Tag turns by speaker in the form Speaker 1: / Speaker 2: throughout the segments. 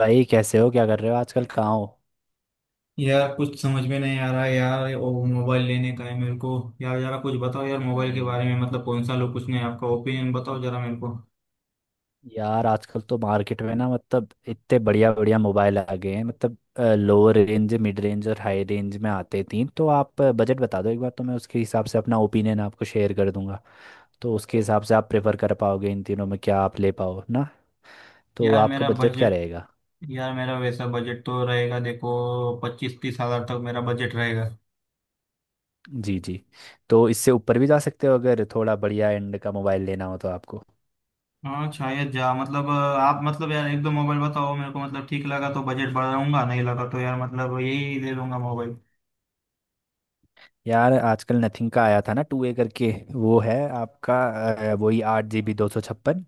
Speaker 1: भाई, कैसे हो? क्या कर रहे हो आजकल? कहाँ हो?
Speaker 2: यार कुछ समझ में नहीं आ रहा है यार, ये ओ मोबाइल लेने का है मेरे को। यार जरा कुछ बताओ यार मोबाइल के
Speaker 1: अरे
Speaker 2: बारे में, मतलब कौन सा लो, कुछ नहीं, आपका ओपिनियन बताओ जरा मेरे को।
Speaker 1: यार, आजकल तो मार्केट में ना, मतलब इतने बढ़िया बढ़िया मोबाइल आ गए हैं। मतलब लोअर रेंज, मिड रेंज और हाई रेंज में आते हैं तीन। तो आप बजट बता दो एक बार, तो मैं उसके हिसाब से अपना ओपिनियन आपको शेयर कर दूंगा। तो उसके हिसाब से आप प्रेफर कर पाओगे इन तीनों में, क्या आप ले पाओ ना। तो
Speaker 2: यार
Speaker 1: आपका
Speaker 2: मेरा
Speaker 1: बजट क्या
Speaker 2: बजट,
Speaker 1: रहेगा?
Speaker 2: यार मेरा वैसा बजट तो रहेगा, देखो, 25-30 हज़ार तक मेरा बजट रहेगा।
Speaker 1: जी जी। तो इससे ऊपर भी जा सकते हो अगर थोड़ा बढ़िया एंड का मोबाइल लेना हो तो आपको।
Speaker 2: हाँ शायद जा मतलब आप मतलब, यार एक दो मोबाइल बताओ मेरे को, मतलब ठीक लगा तो बजट बढ़ाऊंगा, नहीं लगा तो यार मतलब यही ले लूंगा मोबाइल।
Speaker 1: यार, आजकल नथिंग का आया था ना, टू ए करके, वो है आपका, वही 8 GB 256।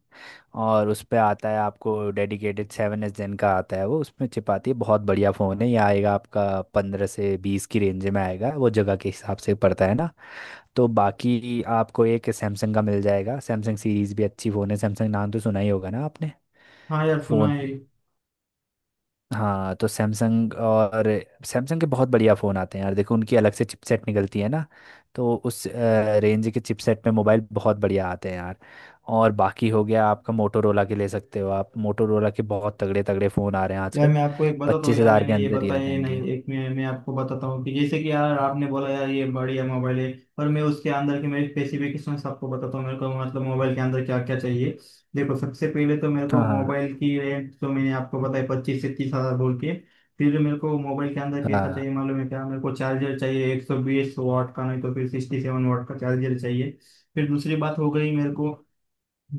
Speaker 1: और उस पे आता है आपको डेडिकेटेड सेवन एस जेन का, आता है वो उसमें चिपाती है, बहुत बढ़िया फ़ोन है ये। आएगा आपका 15 से 20 की रेंज में, आएगा वो जगह के हिसाब से पड़ता है ना। तो बाकी आपको एक सैमसंग का मिल जाएगा। सैमसंग सीरीज़ भी अच्छी फ़ोन है। सैमसंग नाम तो सुना ही होगा ना आपने,
Speaker 2: हाँ यार सुना
Speaker 1: फ़ोन?
Speaker 2: है।
Speaker 1: हाँ, तो सैमसंग। और सैमसंग के बहुत बढ़िया फ़ोन आते हैं यार, देखो उनकी अलग से चिपसेट निकलती है ना। तो उस रेंज के चिपसेट में मोबाइल बहुत बढ़िया आते हैं यार। और बाकी हो गया आपका, मोटोरोला के ले सकते हो आप। मोटोरोला के बहुत तगड़े तगड़े फ़ोन आ रहे हैं
Speaker 2: यार
Speaker 1: आजकल।
Speaker 2: मैं आपको एक बताता हूँ,
Speaker 1: पच्चीस
Speaker 2: यार
Speaker 1: हज़ार के
Speaker 2: मैंने ये
Speaker 1: अंदर ही आ
Speaker 2: बताया ही
Speaker 1: जाएंगे।
Speaker 2: नहीं एक, मैं आपको बताता हूँ कि जैसे कि यार आपने बोला यार ये बढ़िया मोबाइल है, पर मैं उसके अंदर के मेरे स्पेसिफिकेशन आपको बताता हूँ। मेरे को मतलब मोबाइल के अंदर क्या क्या चाहिए, देखो सबसे पहले तो मेरे को
Speaker 1: हाँ। हाँ।
Speaker 2: मोबाइल की रेंज जो मैंने आपको बताया 25 से 30 हज़ार बोल के। फिर मेरे को मोबाइल के अंदर कैसा
Speaker 1: हाँ।
Speaker 2: चाहिए मालूम है क्या, मेरे को चार्जर चाहिए 120 वाट का, नहीं तो फिर 67 वाट का चार्जर चाहिए। फिर दूसरी बात हो गई मेरे को,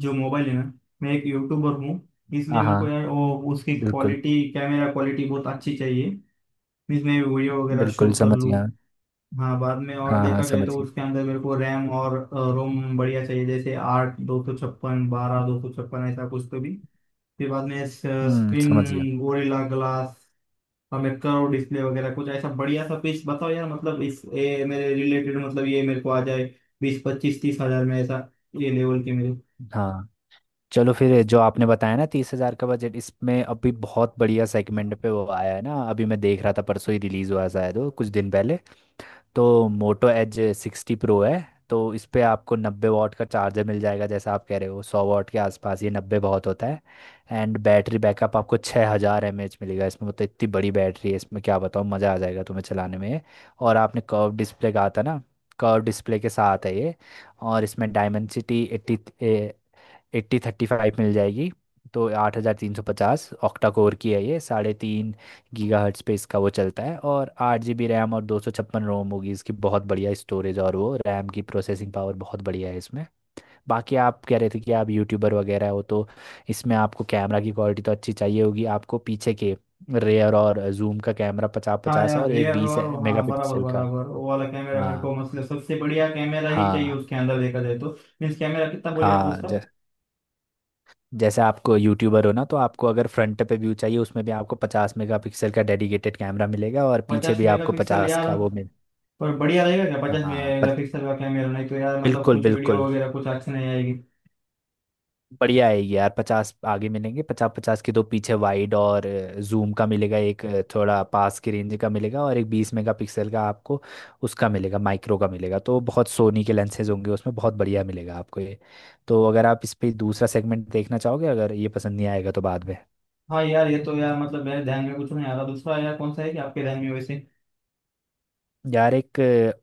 Speaker 2: जो मोबाइल है ना, मैं एक यूट्यूबर हूँ, इसलिए
Speaker 1: हाँ।
Speaker 2: मेरे
Speaker 1: हाँ।
Speaker 2: को यार वो उसकी
Speaker 1: बिल्कुल
Speaker 2: क्वालिटी, कैमरा क्वालिटी बहुत अच्छी चाहिए जिसमें वीडियो वगैरह
Speaker 1: बिल्कुल,
Speaker 2: शूट कर
Speaker 1: समझ
Speaker 2: लूँ।
Speaker 1: गया।
Speaker 2: हाँ बाद में, और
Speaker 1: हाँ हाँ,
Speaker 2: देखा जाए
Speaker 1: समझ
Speaker 2: तो
Speaker 1: गया।
Speaker 2: उसके अंदर मेरे को रैम और रोम बढ़िया चाहिए, जैसे 8/256, 12/256, ऐसा कुछ तो भी। फिर बाद में
Speaker 1: समझ गया।
Speaker 2: स्क्रीन गोरिल्ला ग्लास और मैं कर्व डिस्प्ले वगैरह कुछ ऐसा बढ़िया सा पीस बताओ यार, मतलब इस, ये मेरे रिलेटेड, मतलब ये मेरे को आ जाए 20-25-30 हज़ार में, ऐसा ये लेवल के मेरे।
Speaker 1: हाँ, चलो फिर जो आपने बताया ना 30,000 का बजट, इसमें अभी बहुत बढ़िया सेगमेंट पे वो आया है ना। अभी मैं देख रहा था, परसों ही रिलीज हुआ शायद, वो कुछ दिन पहले। तो मोटो एज 60 प्रो है। तो इस पे आपको 90 वॉट का चार्जर मिल जाएगा। जैसा आप कह रहे हो 100 वॉट के आसपास, ये 90 बहुत होता है। एंड बैटरी बैकअप आपको 6000 mAh मिलेगा इसमें। मतलब इतनी बड़ी बैटरी है इसमें, क्या बताऊँ, मज़ा आ जाएगा तुम्हें चलाने में। और आपने कर्व डिस्प्ले कहा था ना, कर्व डिस्प्ले के साथ है ये। और इसमें डायमेंसिटी एट्टी, 8035 मिल जाएगी। तो 8350 ऑक्टा कोर की है ये, 3.5 GHz पे इसका वो चलता है। और 8 GB रैम और 256 रोम होगी इसकी। बहुत बढ़िया स्टोरेज, और वो रैम की प्रोसेसिंग पावर बहुत बढ़िया है इसमें। बाकी आप कह रहे थे कि आप यूट्यूबर वगैरह हो, तो इसमें आपको कैमरा की क्वालिटी तो अच्छी चाहिए होगी। आपको पीछे के रेयर और जूम का कैमरा पचास
Speaker 2: हाँ
Speaker 1: पचास
Speaker 2: यार
Speaker 1: और एक
Speaker 2: रियर
Speaker 1: बीस
Speaker 2: और हाँ, बराबर
Speaker 1: मेगापिक्सल का।
Speaker 2: बराबर वो वाला कैमरा मेरे
Speaker 1: हाँ।
Speaker 2: को, मतलब सबसे बढ़िया कैमरा ही चाहिए
Speaker 1: हाँ।
Speaker 2: उसके अंदर देखा जाए तो। मीन्स कैमरा कितना बोलिए आप
Speaker 1: हाँ,
Speaker 2: उसका।
Speaker 1: जैसे आपको यूट्यूबर हो ना, तो आपको अगर फ्रंट पे व्यू चाहिए उसमें भी आपको 50 मेगापिक्सल का डेडिकेटेड कैमरा मिलेगा, और पीछे
Speaker 2: पचास
Speaker 1: भी आपको
Speaker 2: मेगापिक्सल
Speaker 1: 50
Speaker 2: यार,
Speaker 1: का वो मिल।
Speaker 2: पर बढ़िया रहेगा क्या पचास
Speaker 1: हाँ,
Speaker 2: मेगापिक्सल का कैमरा, नहीं तो यार मतलब
Speaker 1: बिल्कुल
Speaker 2: कुछ वीडियो
Speaker 1: बिल्कुल
Speaker 2: वगैरह कुछ अच्छी नहीं आएगी।
Speaker 1: बढ़िया आएगी यार। पचास आगे मिलेंगे, 50 पचास के दो पीछे वाइड और जूम का मिलेगा। एक थोड़ा पास की रेंज का मिलेगा, और एक बीस मेगापिक्सल का आपको उसका मिलेगा, माइक्रो का मिलेगा। तो बहुत सोनी के लेंसेज होंगे उसमें, बहुत बढ़िया मिलेगा आपको ये। तो अगर आप इस पे दूसरा सेगमेंट देखना चाहोगे अगर ये पसंद नहीं आएगा तो बाद में।
Speaker 2: हाँ यार, ये तो यार मतलब मेरे ध्यान में कुछ नहीं आ रहा दूसरा, यार कौन सा है कि आपके ध्यान में वैसे?
Speaker 1: यार एक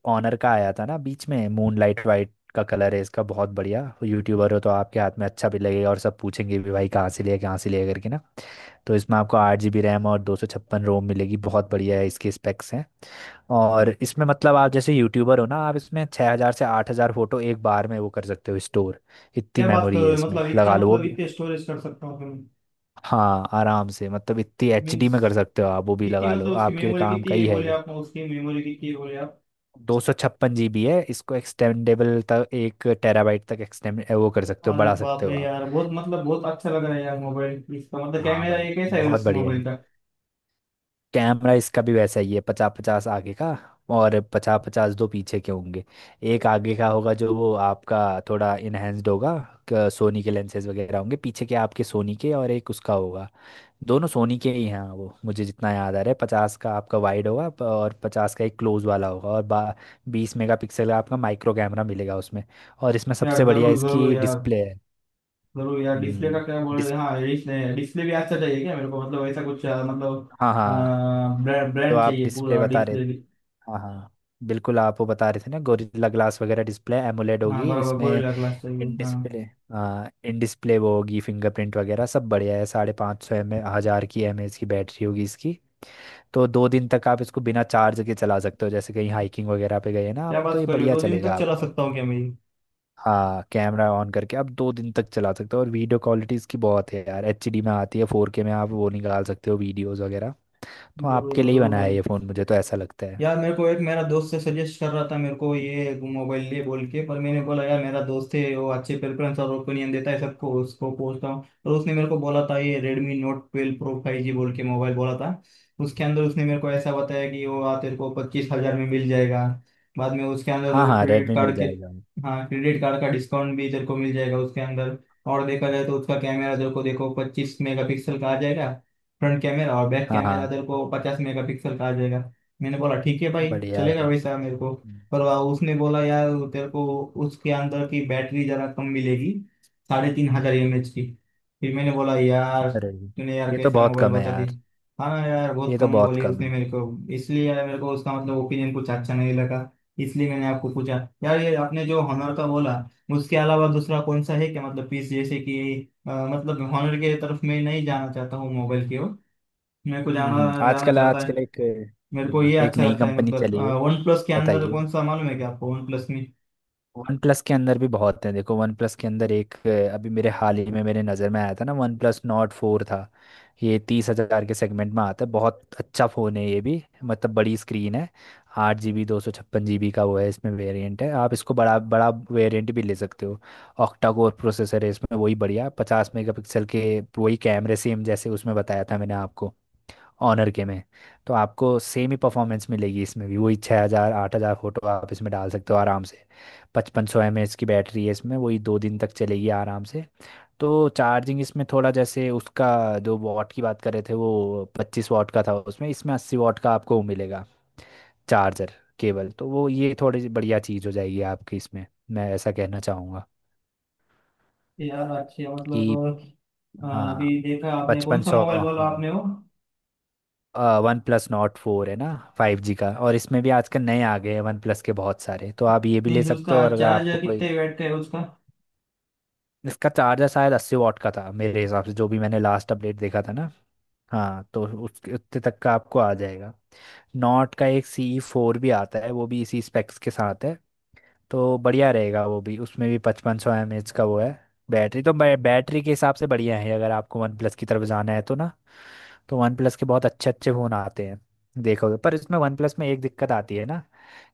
Speaker 1: ऑनर का आया था ना बीच में, मूनलाइट वाइट का कलर है इसका, बहुत बढ़िया। यूट्यूबर हो तो आपके हाथ में अच्छा भी लगेगा, और सब पूछेंगे भी, भाई कहाँ से लिया, कहाँ से लिया करके ना। तो इसमें आपको 8 GB रैम और दो सौ छप्पन रोम मिलेगी, बहुत बढ़िया है, इसके स्पेक्स हैं। और इसमें मतलब आप जैसे यूट्यूबर हो ना, आप इसमें 6000 से 8000 फोटो एक बार में वो कर सकते हो स्टोर। इतनी
Speaker 2: क्या बात कर
Speaker 1: मेमोरी है
Speaker 2: रहे हो,
Speaker 1: इसमें,
Speaker 2: मतलब इतना,
Speaker 1: लगा लो वो
Speaker 2: मतलब
Speaker 1: भी।
Speaker 2: इतने स्टोरेज कर सकता हूँ?
Speaker 1: हाँ, आराम से। मतलब इतनी एच डी
Speaker 2: मीन्स
Speaker 1: में कर सकते हो आप वो भी,
Speaker 2: कितनी,
Speaker 1: लगा लो
Speaker 2: मतलब उसकी
Speaker 1: आपके
Speaker 2: मेमोरी
Speaker 1: काम का
Speaker 2: कितनी
Speaker 1: ही
Speaker 2: है
Speaker 1: है
Speaker 2: बोले
Speaker 1: ये।
Speaker 2: आप, उसकी मेमोरी कितनी है बोले?
Speaker 1: 256 GB है इसको, एक्सटेंडेबल तक 1 TB तक एक्सटेंड वो कर सकते हो,
Speaker 2: अरे
Speaker 1: बढ़ा सकते
Speaker 2: बाप
Speaker 1: हो
Speaker 2: रे
Speaker 1: आप।
Speaker 2: यार बहुत, मतलब बहुत अच्छा लग रहा है यार मोबाइल, इसका मतलब
Speaker 1: हाँ
Speaker 2: कैमरा
Speaker 1: भाई,
Speaker 2: ये कैसा है
Speaker 1: बहुत
Speaker 2: उस
Speaker 1: बढ़िया
Speaker 2: मोबाइल
Speaker 1: है।
Speaker 2: का?
Speaker 1: कैमरा इसका भी वैसा ही है, 50, 50 आगे का, और 50, 50 दो पीछे के होंगे। एक आगे का होगा जो वो आपका थोड़ा इनहेंस्ड होगा। सोनी के लेंसेज वगैरह होंगे पीछे के आपके सोनी के, और एक उसका होगा। दोनों सोनी के ही हैं वो, मुझे जितना याद आ रहा है, 50 का आपका वाइड होगा, और पचास का एक क्लोज वाला होगा। और बा 20 मेगापिक्सल का आपका माइक्रो कैमरा मिलेगा उसमें। और इसमें सबसे
Speaker 2: यार
Speaker 1: बढ़िया
Speaker 2: जरूर जरूर
Speaker 1: इसकी
Speaker 2: यार,
Speaker 1: डिस्प्ले है।
Speaker 2: जरूर यार डिस्प्ले का
Speaker 1: हम्म
Speaker 2: क्या बोल रहे
Speaker 1: डिस
Speaker 2: हैं, हाँ डिस्प्ले, डिस्प्ले भी अच्छा चाहिए क्या मेरे को, मतलब ऐसा कुछ मतलब
Speaker 1: हाँ हाँ,
Speaker 2: ब्रांड
Speaker 1: जो
Speaker 2: ब्रांड
Speaker 1: आप
Speaker 2: चाहिए
Speaker 1: डिस्प्ले
Speaker 2: पूरा
Speaker 1: बता रहे
Speaker 2: डिस्प्ले
Speaker 1: थे,
Speaker 2: भी।
Speaker 1: हाँ हाँ, बिल्कुल, आप वो बता रहे थे ना गोरिल्ला ग्लास वगैरह, डिस्प्ले एमोलेड
Speaker 2: हाँ
Speaker 1: होगी
Speaker 2: बराबर
Speaker 1: इसमें।
Speaker 2: गोरिल्ला ग्लास चाहिए
Speaker 1: इन डिस्प्ले,
Speaker 2: हाँ।
Speaker 1: हाँ इन डिस्प्ले वो होगी, फिंगरप्रिंट वगैरह सब बढ़िया है। 5500 एम ए हज़ार की, एम एच की बैटरी होगी इसकी। तो 2 दिन तक आप इसको बिना चार्ज के चला सकते हो, जैसे कहीं हाइकिंग वगैरह पे गए ना आप,
Speaker 2: क्या
Speaker 1: तो
Speaker 2: बात
Speaker 1: ये
Speaker 2: कर रहे हो,
Speaker 1: बढ़िया
Speaker 2: दो दिन तक
Speaker 1: चलेगा
Speaker 2: चला
Speaker 1: आपका।
Speaker 2: सकता हूँ क्या मैं ये?
Speaker 1: हाँ, कैमरा ऑन करके आप 2 दिन तक चला सकते हो। और वीडियो क्वालिटी इसकी बहुत है यार, एचडी में आती है, 4K में आप वो निकाल सकते हो वीडियोस वगैरह। तो
Speaker 2: जरूर
Speaker 1: आपके लिए ही
Speaker 2: जरूर
Speaker 1: बनाया है
Speaker 2: भाई।
Speaker 1: ये फ़ोन, मुझे तो ऐसा लगता है।
Speaker 2: यार मेरे को एक, मेरा दोस्त से सजेस्ट कर रहा था मेरे को ये मोबाइल लिए बोल के, पर मैंने बोला यार मेरा दोस्त है वो अच्छे प्रेफरेंस और ओपिनियन देता है सबको, उसको पूछता हूँ, और उसने मेरे को बोला था ये Redmi Note twelve Pro five G बोल के मोबाइल बोला था। उसके अंदर उसने मेरे को ऐसा बताया कि वो आ तेरे को 25,000 में मिल जाएगा, बाद में उसके अंदर तेरे
Speaker 1: हाँ
Speaker 2: को
Speaker 1: हाँ,
Speaker 2: क्रेडिट
Speaker 1: रेडमी मिल
Speaker 2: कार्ड के,
Speaker 1: जाएगा।
Speaker 2: हाँ क्रेडिट कार्ड का डिस्काउंट भी तेरे को मिल जाएगा उसके अंदर, और देखा जाए तो उसका कैमरा तेरे को देखो 25 मेगापिक्सल का आ जाएगा फ्रंट कैमरा, और बैक
Speaker 1: हाँ हाँ।
Speaker 2: कैमरा तेरे को 50 मेगापिक्सल का आ जाएगा। मैंने बोला ठीक है भाई,
Speaker 1: बढ़िया
Speaker 2: चलेगा
Speaker 1: भाई।
Speaker 2: वैसा मेरे को।
Speaker 1: हम्म।
Speaker 2: पर उसने बोला यार तेरे को उसके अंदर की बैटरी जरा कम मिलेगी, 3,500 mAh की। फिर मैंने बोला यार
Speaker 1: Redmi।
Speaker 2: तूने यार
Speaker 1: ये तो
Speaker 2: कैसा
Speaker 1: बहुत
Speaker 2: मोबाइल
Speaker 1: कम है
Speaker 2: बता दी,
Speaker 1: यार।
Speaker 2: हाँ ना यार बहुत
Speaker 1: ये तो
Speaker 2: कम
Speaker 1: बहुत
Speaker 2: बोली
Speaker 1: कम
Speaker 2: उसने
Speaker 1: है।
Speaker 2: मेरे को। इसलिए यार मेरे को उसका मतलब ओपिनियन कुछ अच्छा नहीं लगा, इसलिए मैंने आपको पूछा। यार ये आपने जो हॉनर का बोला, उसके अलावा दूसरा कौन सा है क्या, मतलब पीस जैसे कि मतलब हॉनर के तरफ मैं नहीं जाना चाहता हूँ मोबाइल की ओर, मेरे को जाना, जाना
Speaker 1: आजकल
Speaker 2: चाहता,
Speaker 1: आजकल एक,
Speaker 2: मेरे को ये
Speaker 1: एक
Speaker 2: अच्छा
Speaker 1: नई
Speaker 2: लगता है
Speaker 1: कंपनी
Speaker 2: मतलब।
Speaker 1: चली है।
Speaker 2: वन प्लस के अंदर
Speaker 1: बताइए।
Speaker 2: कौन सा मालूम है क्या आपको वन प्लस में?
Speaker 1: वन प्लस के अंदर भी बहुत हैं, देखो वन प्लस के अंदर एक, अभी मेरे हाल ही में मेरे नज़र में आया था ना, वन प्लस नॉट फोर था। ये 30,000 के सेगमेंट में आता है, बहुत अच्छा फ़ोन है ये भी, मतलब बड़ी स्क्रीन है। 8 GB 256 GB का वो है, इसमें वेरिएंट है, आप इसको बड़ा बड़ा वेरिएंट भी ले सकते हो। ऑक्टा कोर प्रोसेसर है इसमें, वही बढ़िया 50 मेगा पिक्सल के, वही कैमरे सेम जैसे उसमें बताया था मैंने आपको, ऑनर के में। तो आपको सेम ही परफॉर्मेंस मिलेगी इसमें भी। वही 6000, 8000 फ़ोटो आप इसमें डाल सकते हो आराम से। पचपन सौ एम एच की बैटरी है इसमें, वही दो दिन तक चलेगी आराम से। तो चार्जिंग इसमें थोड़ा, जैसे उसका जो वॉट की बात कर रहे थे वो 25 वॉट का था उसमें, इसमें 80 वॉट का आपको मिलेगा, चार्जर केबल। तो वो ये थोड़ी सी बढ़िया चीज़ हो जाएगी आपकी इसमें, मैं ऐसा कहना चाहूँगा
Speaker 2: यार अच्छे मतलब
Speaker 1: कि।
Speaker 2: अ,
Speaker 1: हाँ।
Speaker 2: अभी देखा आपने कौन
Speaker 1: पचपन
Speaker 2: सा
Speaker 1: सौ
Speaker 2: मोबाइल बोला आपने वो?
Speaker 1: वन प्लस नॉट फोर है ना, 5G का। और इसमें भी आजकल नए आ गए हैं वन प्लस के बहुत सारे, तो आप ये भी ले
Speaker 2: नहीं
Speaker 1: सकते
Speaker 2: उसका
Speaker 1: हो। और अगर आपको
Speaker 2: चार्जर
Speaker 1: कोई,
Speaker 2: कितने वाट का है उसका?
Speaker 1: इसका चार्जर शायद 80 वॉट का था मेरे हिसाब से, जो भी मैंने लास्ट अपडेट देखा था ना। हाँ, तो उसके उतने तक का आपको आ जाएगा। नॉट का एक सी फोर भी आता है, वो भी इसी स्पेक्स के साथ है, तो बढ़िया रहेगा वो भी। उसमें भी 5500 mAh का वो है बैटरी। तो बैटरी के हिसाब से बढ़िया है, अगर आपको वन प्लस की तरफ जाना है तो ना। तो वन प्लस के बहुत अच्छे अच्छे फ़ोन आते हैं, देखोगे। पर इसमें वन प्लस में एक दिक्कत आती है ना,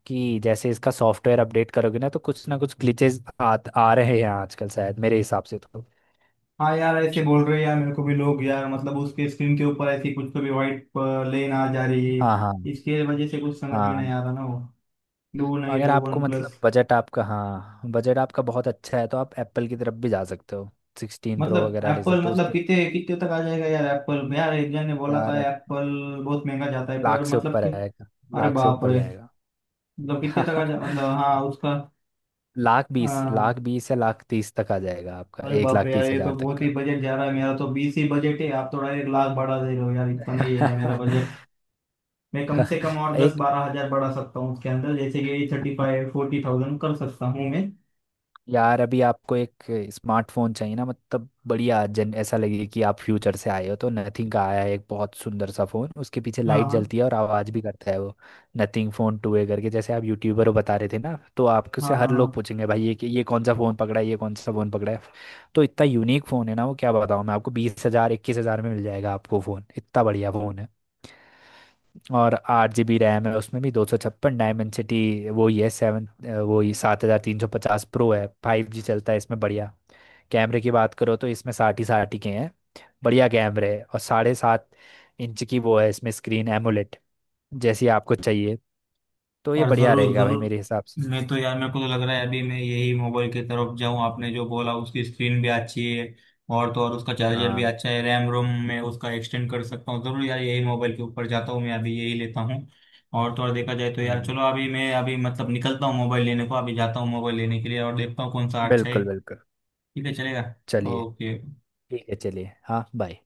Speaker 1: कि जैसे इसका सॉफ्टवेयर अपडेट करोगे ना तो कुछ ना कुछ ग्लिचेस आ रहे हैं आजकल शायद, मेरे हिसाब से तो।
Speaker 2: हाँ यार ऐसे बोल रहे हैं यार, मेरे को भी लोग यार मतलब उसके स्क्रीन के ऊपर ऐसी कुछ तो भी वाइट लेन आ जा रही है,
Speaker 1: हाँ। हाँ।
Speaker 2: इसके वजह से कुछ समझ में नहीं
Speaker 1: हाँ,
Speaker 2: आ रहा ना वो। लो नहीं
Speaker 1: अगर
Speaker 2: लो
Speaker 1: आपको
Speaker 2: वन
Speaker 1: मतलब
Speaker 2: प्लस।
Speaker 1: बजट आपका, हाँ बजट आपका बहुत अच्छा है तो आप एप्पल की तरफ भी जा सकते हो, 16 Pro
Speaker 2: मतलब
Speaker 1: वगैरह ले
Speaker 2: एप्पल,
Speaker 1: सकते हो
Speaker 2: मतलब
Speaker 1: उसके।
Speaker 2: कितने कितने तक आ जाएगा यार एप्पल? यार एक जन ने बोला था
Speaker 1: यार
Speaker 2: एप्पल बहुत महंगा जाता है, पर
Speaker 1: लाख से
Speaker 2: मतलब
Speaker 1: ऊपर
Speaker 2: कि,
Speaker 1: आएगा,
Speaker 2: अरे
Speaker 1: लाख से
Speaker 2: बाप
Speaker 1: ऊपर
Speaker 2: रे,
Speaker 1: जाएगा।
Speaker 2: मतलब कितने तक आ जा, मतलब हाँ उसका।
Speaker 1: लाख बीस,
Speaker 2: हाँ,
Speaker 1: लाख बीस या लाख तीस तक आ जाएगा आपका,
Speaker 2: अरे
Speaker 1: एक
Speaker 2: बाप
Speaker 1: लाख
Speaker 2: रे यार,
Speaker 1: तीस
Speaker 2: ये तो
Speaker 1: हजार तक
Speaker 2: बहुत ही
Speaker 1: का।
Speaker 2: बजट जा रहा है मेरा, तो बीस ही बजट है, आप तो डायरेक्ट लाख बढ़ा दे रहे हो यार, इतना नहीं है यार मेरा बजट। मैं कम से कम और दस
Speaker 1: एक,
Speaker 2: बारह हजार बढ़ा सकता हूँ उसके अंदर, जैसे कि 35-40,000 कर सकता हूँ मैं।
Speaker 1: यार अभी आपको एक स्मार्टफोन चाहिए ना, मतलब बढ़िया जन ऐसा लगे कि आप फ्यूचर से आए हो, तो नथिंग का आया है एक बहुत सुंदर सा फोन, उसके पीछे
Speaker 2: हाँ
Speaker 1: लाइट
Speaker 2: हाँ
Speaker 1: जलती है और आवाज़ भी करता है वो। नथिंग फोन टू ए करके, जैसे आप यूट्यूबर हो बता रहे थे ना, तो आपको से
Speaker 2: हाँ।
Speaker 1: हर
Speaker 2: हाँ
Speaker 1: लोग
Speaker 2: हाँ।
Speaker 1: पूछेंगे, भाई ये ये कौन सा फोन पकड़ा है, ये कौन सा फोन पकड़ा है। तो इतना यूनिक फोन है ना वो, क्या बताऊँ मैं आपको। 20,000, 21,000 में मिल जाएगा आपको फोन, इतना बढ़िया फोन है। और आठ जी बी रैम है उसमें भी, 256, डायमेंसिटी वो ही है सेवन, वो ही 7350 प्रो है। 5G चलता है इसमें, बढ़िया। कैमरे की बात करो तो इसमें साठ ही के हैं, बढ़िया कैमरे है। और 7.5 इंच की वो है इसमें स्क्रीन एमोलेड, जैसी आपको चाहिए। तो ये
Speaker 2: और
Speaker 1: बढ़िया
Speaker 2: जरूर
Speaker 1: रहेगा भाई
Speaker 2: जरूर,
Speaker 1: मेरे हिसाब से।
Speaker 2: मैं तो यार मेरे को तो लग रहा है अभी मैं यही मोबाइल की तरफ जाऊं, आपने जो बोला उसकी स्क्रीन भी अच्छी है, और तो और उसका चार्जर भी
Speaker 1: हाँ।
Speaker 2: अच्छा है, रैम रोम में उसका एक्सटेंड कर सकता हूँ, जरूर यार यही मोबाइल के ऊपर जाता हूँ मैं अभी, यही लेता हूँ। और तो और देखा जाए तो यार
Speaker 1: हम्म,
Speaker 2: चलो अभी मैं, अभी मतलब निकलता हूँ मोबाइल लेने को, अभी जाता हूँ मोबाइल लेने के लिए और देखता हूँ कौन सा अच्छा है।
Speaker 1: बिल्कुल बिल्कुल।
Speaker 2: ठीक है चलेगा।
Speaker 1: चलिए।
Speaker 2: ओके।
Speaker 1: ठीक है चलिए, हाँ बाय।